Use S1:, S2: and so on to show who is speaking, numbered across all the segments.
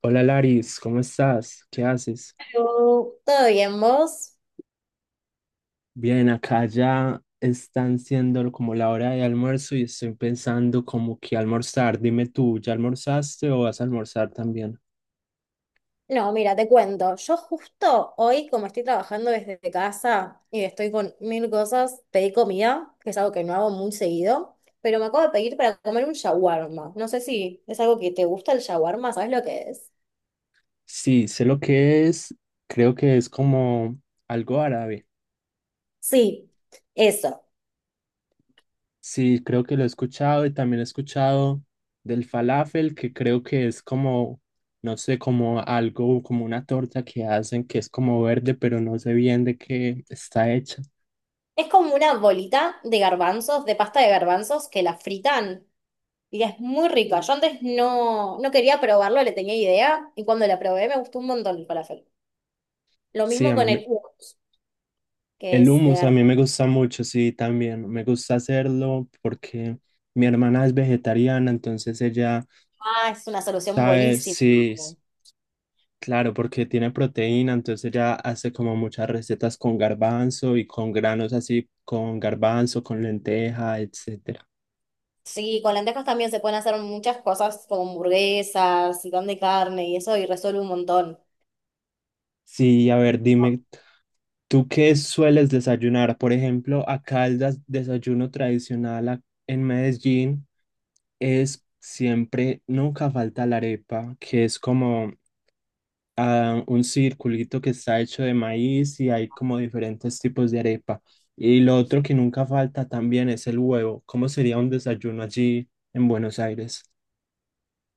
S1: Hola Laris, ¿cómo estás? ¿Qué haces?
S2: Yo, ¿todo bien vos?
S1: Bien, acá ya están siendo como la hora de almuerzo y estoy pensando como que almorzar. Dime tú, ¿ya almorzaste o vas a almorzar también?
S2: No, mira, te cuento. Yo justo hoy, como estoy trabajando desde casa y estoy con mil cosas, pedí comida, que es algo que no hago muy seguido, pero me acabo de pedir para comer un shawarma. No sé si es algo que te gusta el shawarma, ¿sabes lo que es?
S1: Sí, sé lo que es, creo que es como algo árabe.
S2: Sí, eso.
S1: Sí, creo que lo he escuchado y también he escuchado del falafel, que creo que es como, no sé, como algo, como una torta que hacen que es como verde, pero no sé bien de qué está hecha.
S2: Es como una bolita de garbanzos, de pasta de garbanzos que la fritan y es muy rica. Yo antes no quería probarlo, le tenía idea y cuando la probé me gustó un montón el falafel. Lo
S1: Sí,
S2: mismo
S1: a mí,
S2: con
S1: me-
S2: el hummus, que
S1: el
S2: es de
S1: hummus a
S2: verdad,
S1: mí me gusta mucho, sí, también. Me gusta hacerlo porque mi hermana es vegetariana, entonces ella
S2: ah, es una solución
S1: sabe,
S2: buenísima.
S1: sí, s- claro, porque tiene proteína, entonces ella hace como muchas recetas con garbanzo y con granos así, con garbanzo, con lenteja, etcétera.
S2: Sí, con lentejas también se pueden hacer muchas cosas como hamburguesas y pan de carne y eso, y resuelve un montón.
S1: Sí, a ver, dime, ¿tú qué sueles desayunar? Por ejemplo, acá el des- desayuno tradicional a- en Medellín es siempre, nunca falta la arepa, que es como a un circulito que está hecho de maíz y hay como diferentes tipos de arepa. Y lo otro que nunca falta también es el huevo. ¿Cómo sería un desayuno allí en Buenos Aires?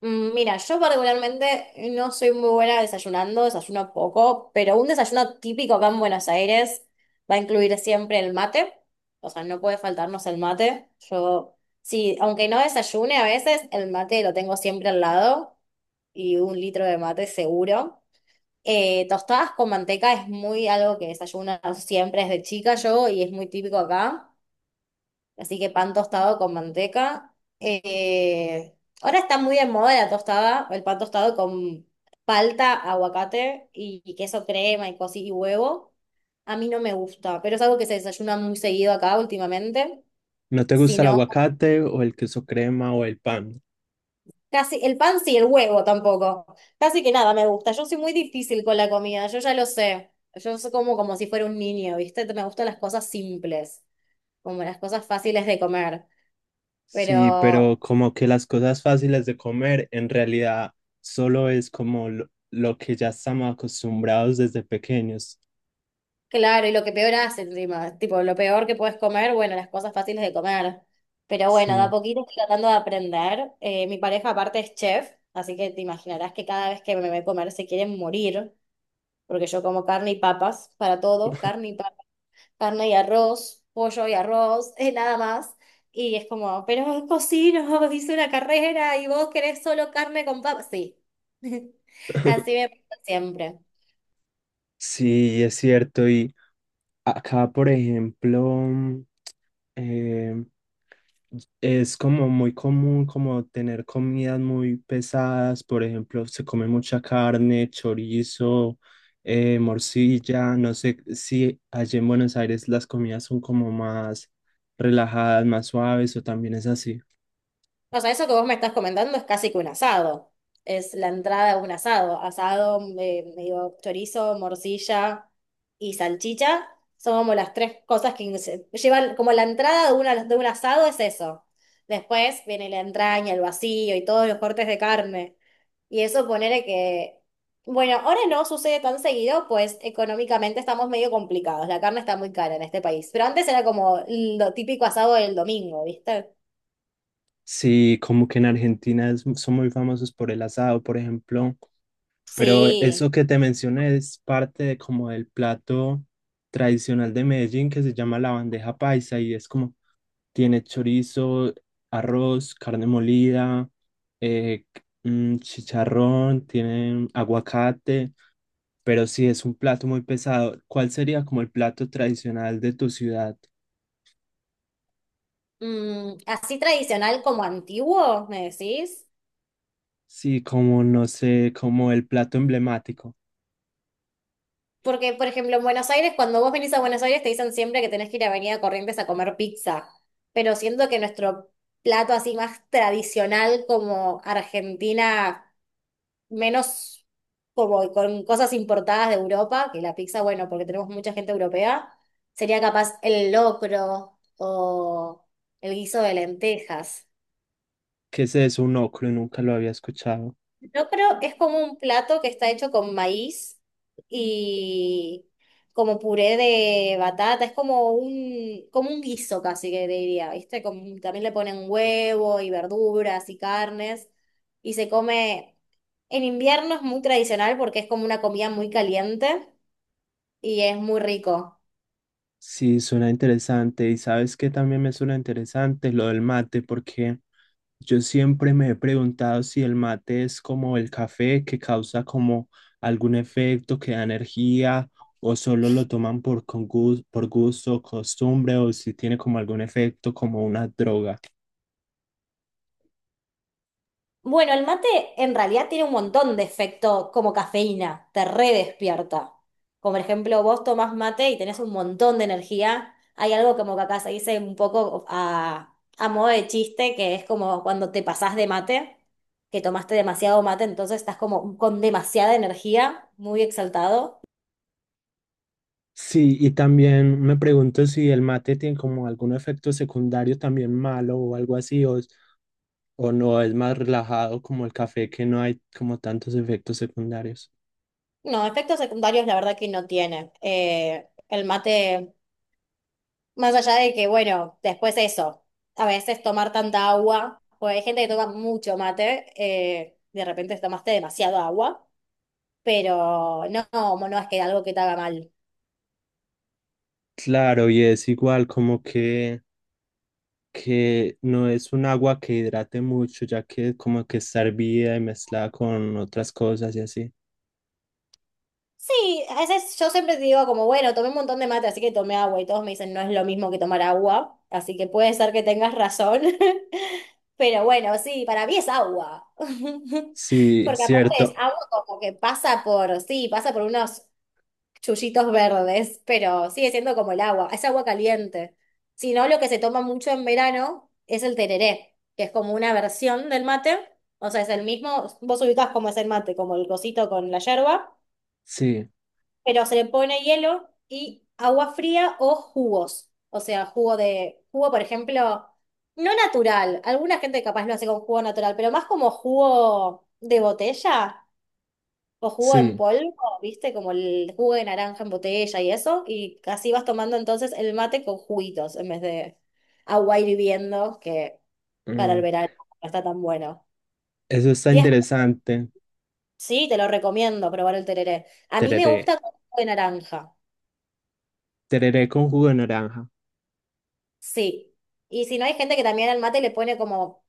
S2: Mira, yo particularmente no soy muy buena desayunando, desayuno poco, pero un desayuno típico acá en Buenos Aires va a incluir siempre el mate, o sea, no puede faltarnos el mate. Yo, sí, aunque no desayune a veces, el mate lo tengo siempre al lado y un litro de mate seguro. Tostadas con manteca es muy algo que desayuno siempre desde chica yo y es muy típico acá. Así que pan tostado con manteca. Ahora está muy de moda la tostada, el pan tostado con palta, aguacate y queso crema y cosí y huevo. A mí no me gusta, pero es algo que se desayuna muy seguido acá últimamente.
S1: ¿No te gusta el
S2: Sino
S1: aguacate o el queso crema o el pan?
S2: casi, el pan sí, el huevo tampoco. Casi que nada me gusta. Yo soy muy difícil con la comida, yo ya lo sé. Yo soy como, como si fuera un niño, ¿viste? Me gustan las cosas simples, como las cosas fáciles de comer.
S1: Sí,
S2: Pero,
S1: pero como que las cosas fáciles de comer en realidad solo es como lo que ya estamos acostumbrados desde pequeños.
S2: claro, y lo que peor hace encima, tipo, lo peor que puedes comer, bueno, las cosas fáciles de comer. Pero bueno, de a
S1: Sí.
S2: poquito estoy tratando de aprender. Mi pareja aparte es chef, así que te imaginarás que cada vez que me ve comer se quieren morir, porque yo como carne y papas para todo, carne y papas. Carne y arroz, pollo y arroz, nada más. Y es como, pero cocino, hice una carrera y vos querés solo carne con papas. Sí, así me pasa siempre.
S1: Sí, es cierto. Y acá, por ejemplo, em, es como muy común como tener comidas muy pesadas, por ejemplo, se come mucha carne, chorizo, morcilla, no sé si allí en Buenos Aires las comidas son como más relajadas, más suaves o también es así.
S2: O sea, eso que vos me estás comentando es casi que un asado. Es la entrada de un asado. Asado, medio chorizo, morcilla y salchicha. Son como las tres cosas que se llevan, como la entrada de, una, de un asado es eso. Después viene la entraña, el vacío y todos los cortes de carne. Y eso ponele que, bueno, ahora no sucede tan seguido, pues económicamente estamos medio complicados. La carne está muy cara en este país. Pero antes era como lo típico asado del domingo, ¿viste?
S1: Sí, como que en Argentina es- son muy famosos por el asado, por ejemplo, pero
S2: Sí.
S1: eso que te mencioné es parte de como del plato tradicional de Medellín que se llama la bandeja paisa y es como tiene chorizo, arroz, carne molida, eh, chicharrón, tiene aguacate, pero sí es un plato muy pesado. ¿Cuál sería como el plato tradicional de tu ciudad?
S2: Así tradicional como antiguo, ¿me decís?
S1: Sí, como no sé, como el plato emblemático.
S2: Porque, por ejemplo, en Buenos Aires, cuando vos venís a Buenos Aires, te dicen siempre que tenés que ir a Avenida Corrientes a comer pizza. Pero siento que nuestro plato así más tradicional como Argentina menos como con cosas importadas de Europa, que la pizza, bueno, porque tenemos mucha gente europea, sería capaz el locro o el guiso de lentejas.
S1: ¿Qué es eso? Un locro, nunca lo había escuchado.
S2: El locro es como un plato que está hecho con maíz y como puré de batata, es como un guiso casi que diría, ¿viste? Como, también le ponen huevo y verduras y carnes y se come... En invierno es muy tradicional porque es como una comida muy caliente y es muy rico.
S1: Sí, suena interesante. ¿Y sabes qué también me suena interesante? Lo del mate, porque yo siempre me he preguntado si el mate es como el café que causa como algún efecto que da energía o solo lo toman por, con gus- por gusto, costumbre o si tiene como algún efecto como una droga.
S2: Bueno, el mate en realidad tiene un montón de efecto como cafeína, te redespierta. Como por ejemplo, vos tomás mate y tenés un montón de energía. Hay algo como que acá se dice un poco a modo de chiste, que es como cuando te pasás de mate, que tomaste demasiado mate, entonces estás como con demasiada energía, muy exaltado.
S1: Sí, y también me pregunto si el mate tiene como algún efecto secundario también malo o algo así o no es más relajado como el café que no hay como tantos efectos secundarios.
S2: No, efectos secundarios la verdad que no tiene. El mate, más allá de que, bueno, después eso, a veces tomar tanta agua, porque hay gente que toma mucho mate, de repente tomaste demasiado agua, pero no es que algo que te haga mal.
S1: Claro, y es igual como que no es un agua que hidrate mucho, ya que como que está hervida y mezclada con otras cosas y así.
S2: Sí, a veces yo siempre te digo como, bueno, tomé un montón de mate, así que tomé agua, y todos me dicen, no es lo mismo que tomar agua, así que puede ser que tengas razón, pero bueno, sí, para mí es agua.
S1: Sí,
S2: Porque aparte es
S1: cierto.
S2: agua como que pasa por, sí, pasa por unos chullitos verdes, pero sigue siendo como el agua, es agua caliente. Si no, lo que se toma mucho en verano es el tereré, que es como una versión del mate, o sea, es el mismo, vos ubicás cómo es el mate, como el cosito con la yerba,
S1: Sí,
S2: pero se le pone hielo y agua fría o jugos, o sea, jugo de, jugo, por ejemplo, no natural, alguna gente capaz lo hace con jugo natural, pero más como jugo de botella o jugo en
S1: sí.
S2: polvo, ¿viste? Como el jugo de naranja en botella y eso. Y así vas tomando entonces el mate con juguitos en vez de agua hirviendo, que para el
S1: Mm,
S2: verano no está tan bueno.
S1: eso está
S2: Y es-
S1: interesante.
S2: sí, te lo recomiendo probar el tereré. A mí me
S1: Tereré.
S2: gusta con jugo de naranja.
S1: Tereré con jugo de naranja.
S2: Sí. Y si no, hay gente que también al mate le pone como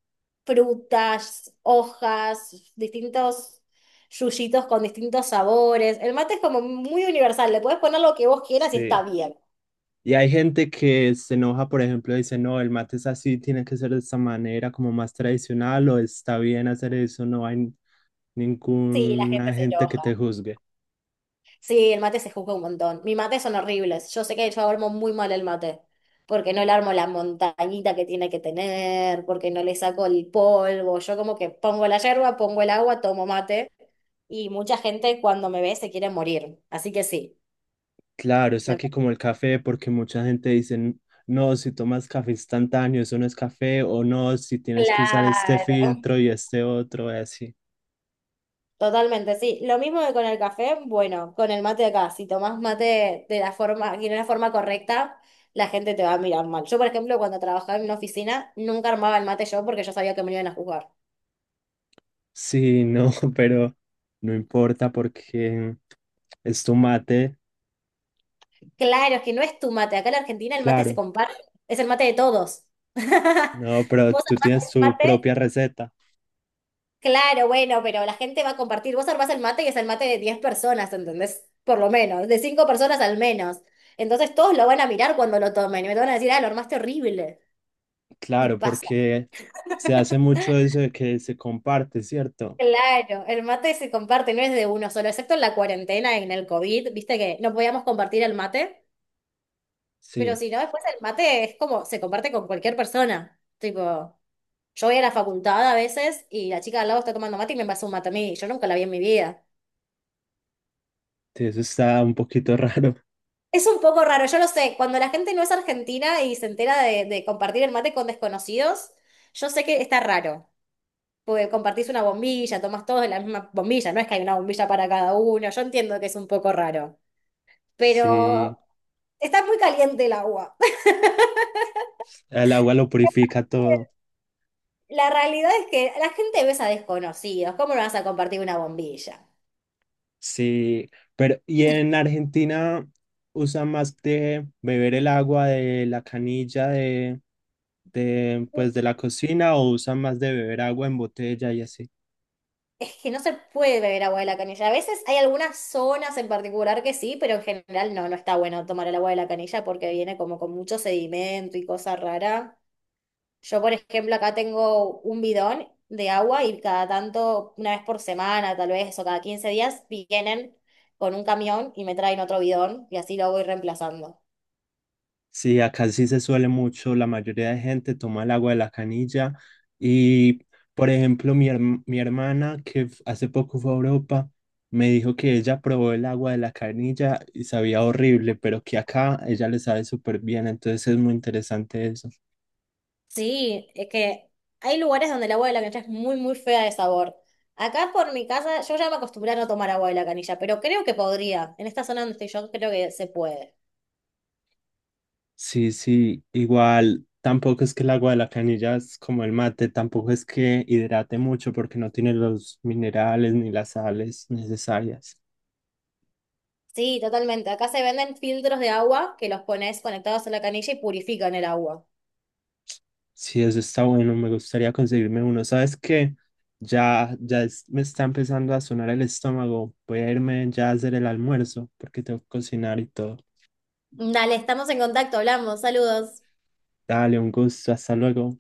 S2: frutas, hojas, distintos yuyitos con distintos sabores. El mate es como muy universal. Le puedes poner lo que vos quieras y
S1: Sí.
S2: está bien.
S1: Y hay gente que se enoja, por ejemplo, dice, no, el mate es así, tiene que ser de esta manera, como más tradicional, o está bien hacer eso, no hay
S2: Sí, la gente
S1: ninguna
S2: se
S1: gente que te
S2: enoja.
S1: juzgue.
S2: Sí, el mate se juzga un montón. Mis mates son horribles. Yo sé que yo armo muy mal el mate, porque no le armo la montañita que tiene que tener, porque no le saco el polvo. Yo como que pongo la yerba, pongo el agua, tomo mate, y mucha gente cuando me ve se quiere morir. Así que sí.
S1: Claro, está
S2: me-
S1: aquí como el café, porque mucha gente dice, "N- no, si tomas café instantáneo, eso no es café, o no, si tienes que usar este
S2: Claro.
S1: filtro y este otro, y así.
S2: Totalmente, sí. Lo mismo que con el café, bueno, con el mate acá, si tomás mate de la forma, que no es la forma correcta, la gente te va a mirar mal. Yo, por ejemplo, cuando trabajaba en una oficina, nunca armaba el mate yo porque yo sabía que me iban a juzgar.
S1: Sí, no, pero no importa porque es tu mate,
S2: Claro, es que no es tu mate. Acá en Argentina el mate se
S1: claro.
S2: comparte, es el mate de todos.
S1: No, pero
S2: Vos
S1: tú
S2: armás
S1: tienes
S2: el
S1: tu
S2: mate,
S1: propia receta,
S2: claro, bueno, pero la gente va a compartir. Vos armás el mate y es el mate de 10 personas, ¿entendés? Por lo menos, de 5 personas al menos. Entonces todos lo van a mirar cuando lo tomen y me van a decir, ah, lo armaste horrible. Y
S1: claro,
S2: pasa,
S1: porque se hace mucho eso de que se comparte, ¿cierto?
S2: claro, el mate se comparte, no es de uno solo, excepto en la cuarentena, en el COVID, viste que no podíamos compartir el mate, pero
S1: Sí,
S2: si no, después el mate es como, se comparte con cualquier persona. Tipo, yo voy a la facultad a veces y la chica de al lado está tomando mate y me pasa un mate a mí, yo nunca la vi en mi vida.
S1: sí, eso está un poquito raro.
S2: Es un poco raro, yo lo sé, cuando la gente no es argentina y se entera de compartir el mate con desconocidos, yo sé que está raro. Porque compartís una bombilla, tomás todos de la misma bombilla, no es que hay una bombilla para cada uno, yo entiendo que es un poco raro,
S1: Sí,
S2: pero está muy caliente el agua.
S1: el agua lo purifica todo.
S2: La realidad es que la gente besa a desconocidos, ¿cómo no vas a compartir una bombilla?
S1: Sí, pero y en Argentina usan más de beber el agua de la canilla de pues de la cocina o usan más de beber agua en botella y así.
S2: Es que no se puede beber agua de la canilla. A veces hay algunas zonas en particular que sí, pero en general no, no está bueno tomar el agua de la canilla porque viene como con mucho sedimento y cosa rara. Yo, por ejemplo, acá tengo un bidón de agua y cada tanto, una vez por semana tal vez, o cada 15 días, vienen con un camión y me traen otro bidón y así lo voy reemplazando.
S1: Sí, acá sí se suele mucho, la mayoría de gente toma el agua de la canilla y por ejemplo mi, herm- mi hermana que f- hace poco fue a Europa me dijo que ella probó el agua de la canilla y sabía horrible, pero que acá ella le sabe súper bien, entonces es muy interesante eso.
S2: Sí, es que hay lugares donde el agua de la canilla es muy, muy fea de sabor. Acá por mi casa, yo ya me acostumbré a no tomar agua de la canilla, pero creo que podría. En esta zona donde estoy yo, creo que se puede.
S1: Sí, sí, igual tampoco es que el agua de la canilla es como el mate, tampoco es que hidrate mucho porque no tiene los minerales ni las sales necesarias.
S2: Sí, totalmente. Acá se venden filtros de agua que los pones conectados a la canilla y purifican el agua.
S1: Sí, eso está bueno, me gustaría conseguirme uno. ¿Sabes qué? Ya, ya es- me está empezando a sonar el estómago. Voy a irme ya a hacer el almuerzo porque tengo que cocinar y todo.
S2: Dale, estamos en contacto, hablamos, saludos.
S1: Dale, un gusto, hasta luego.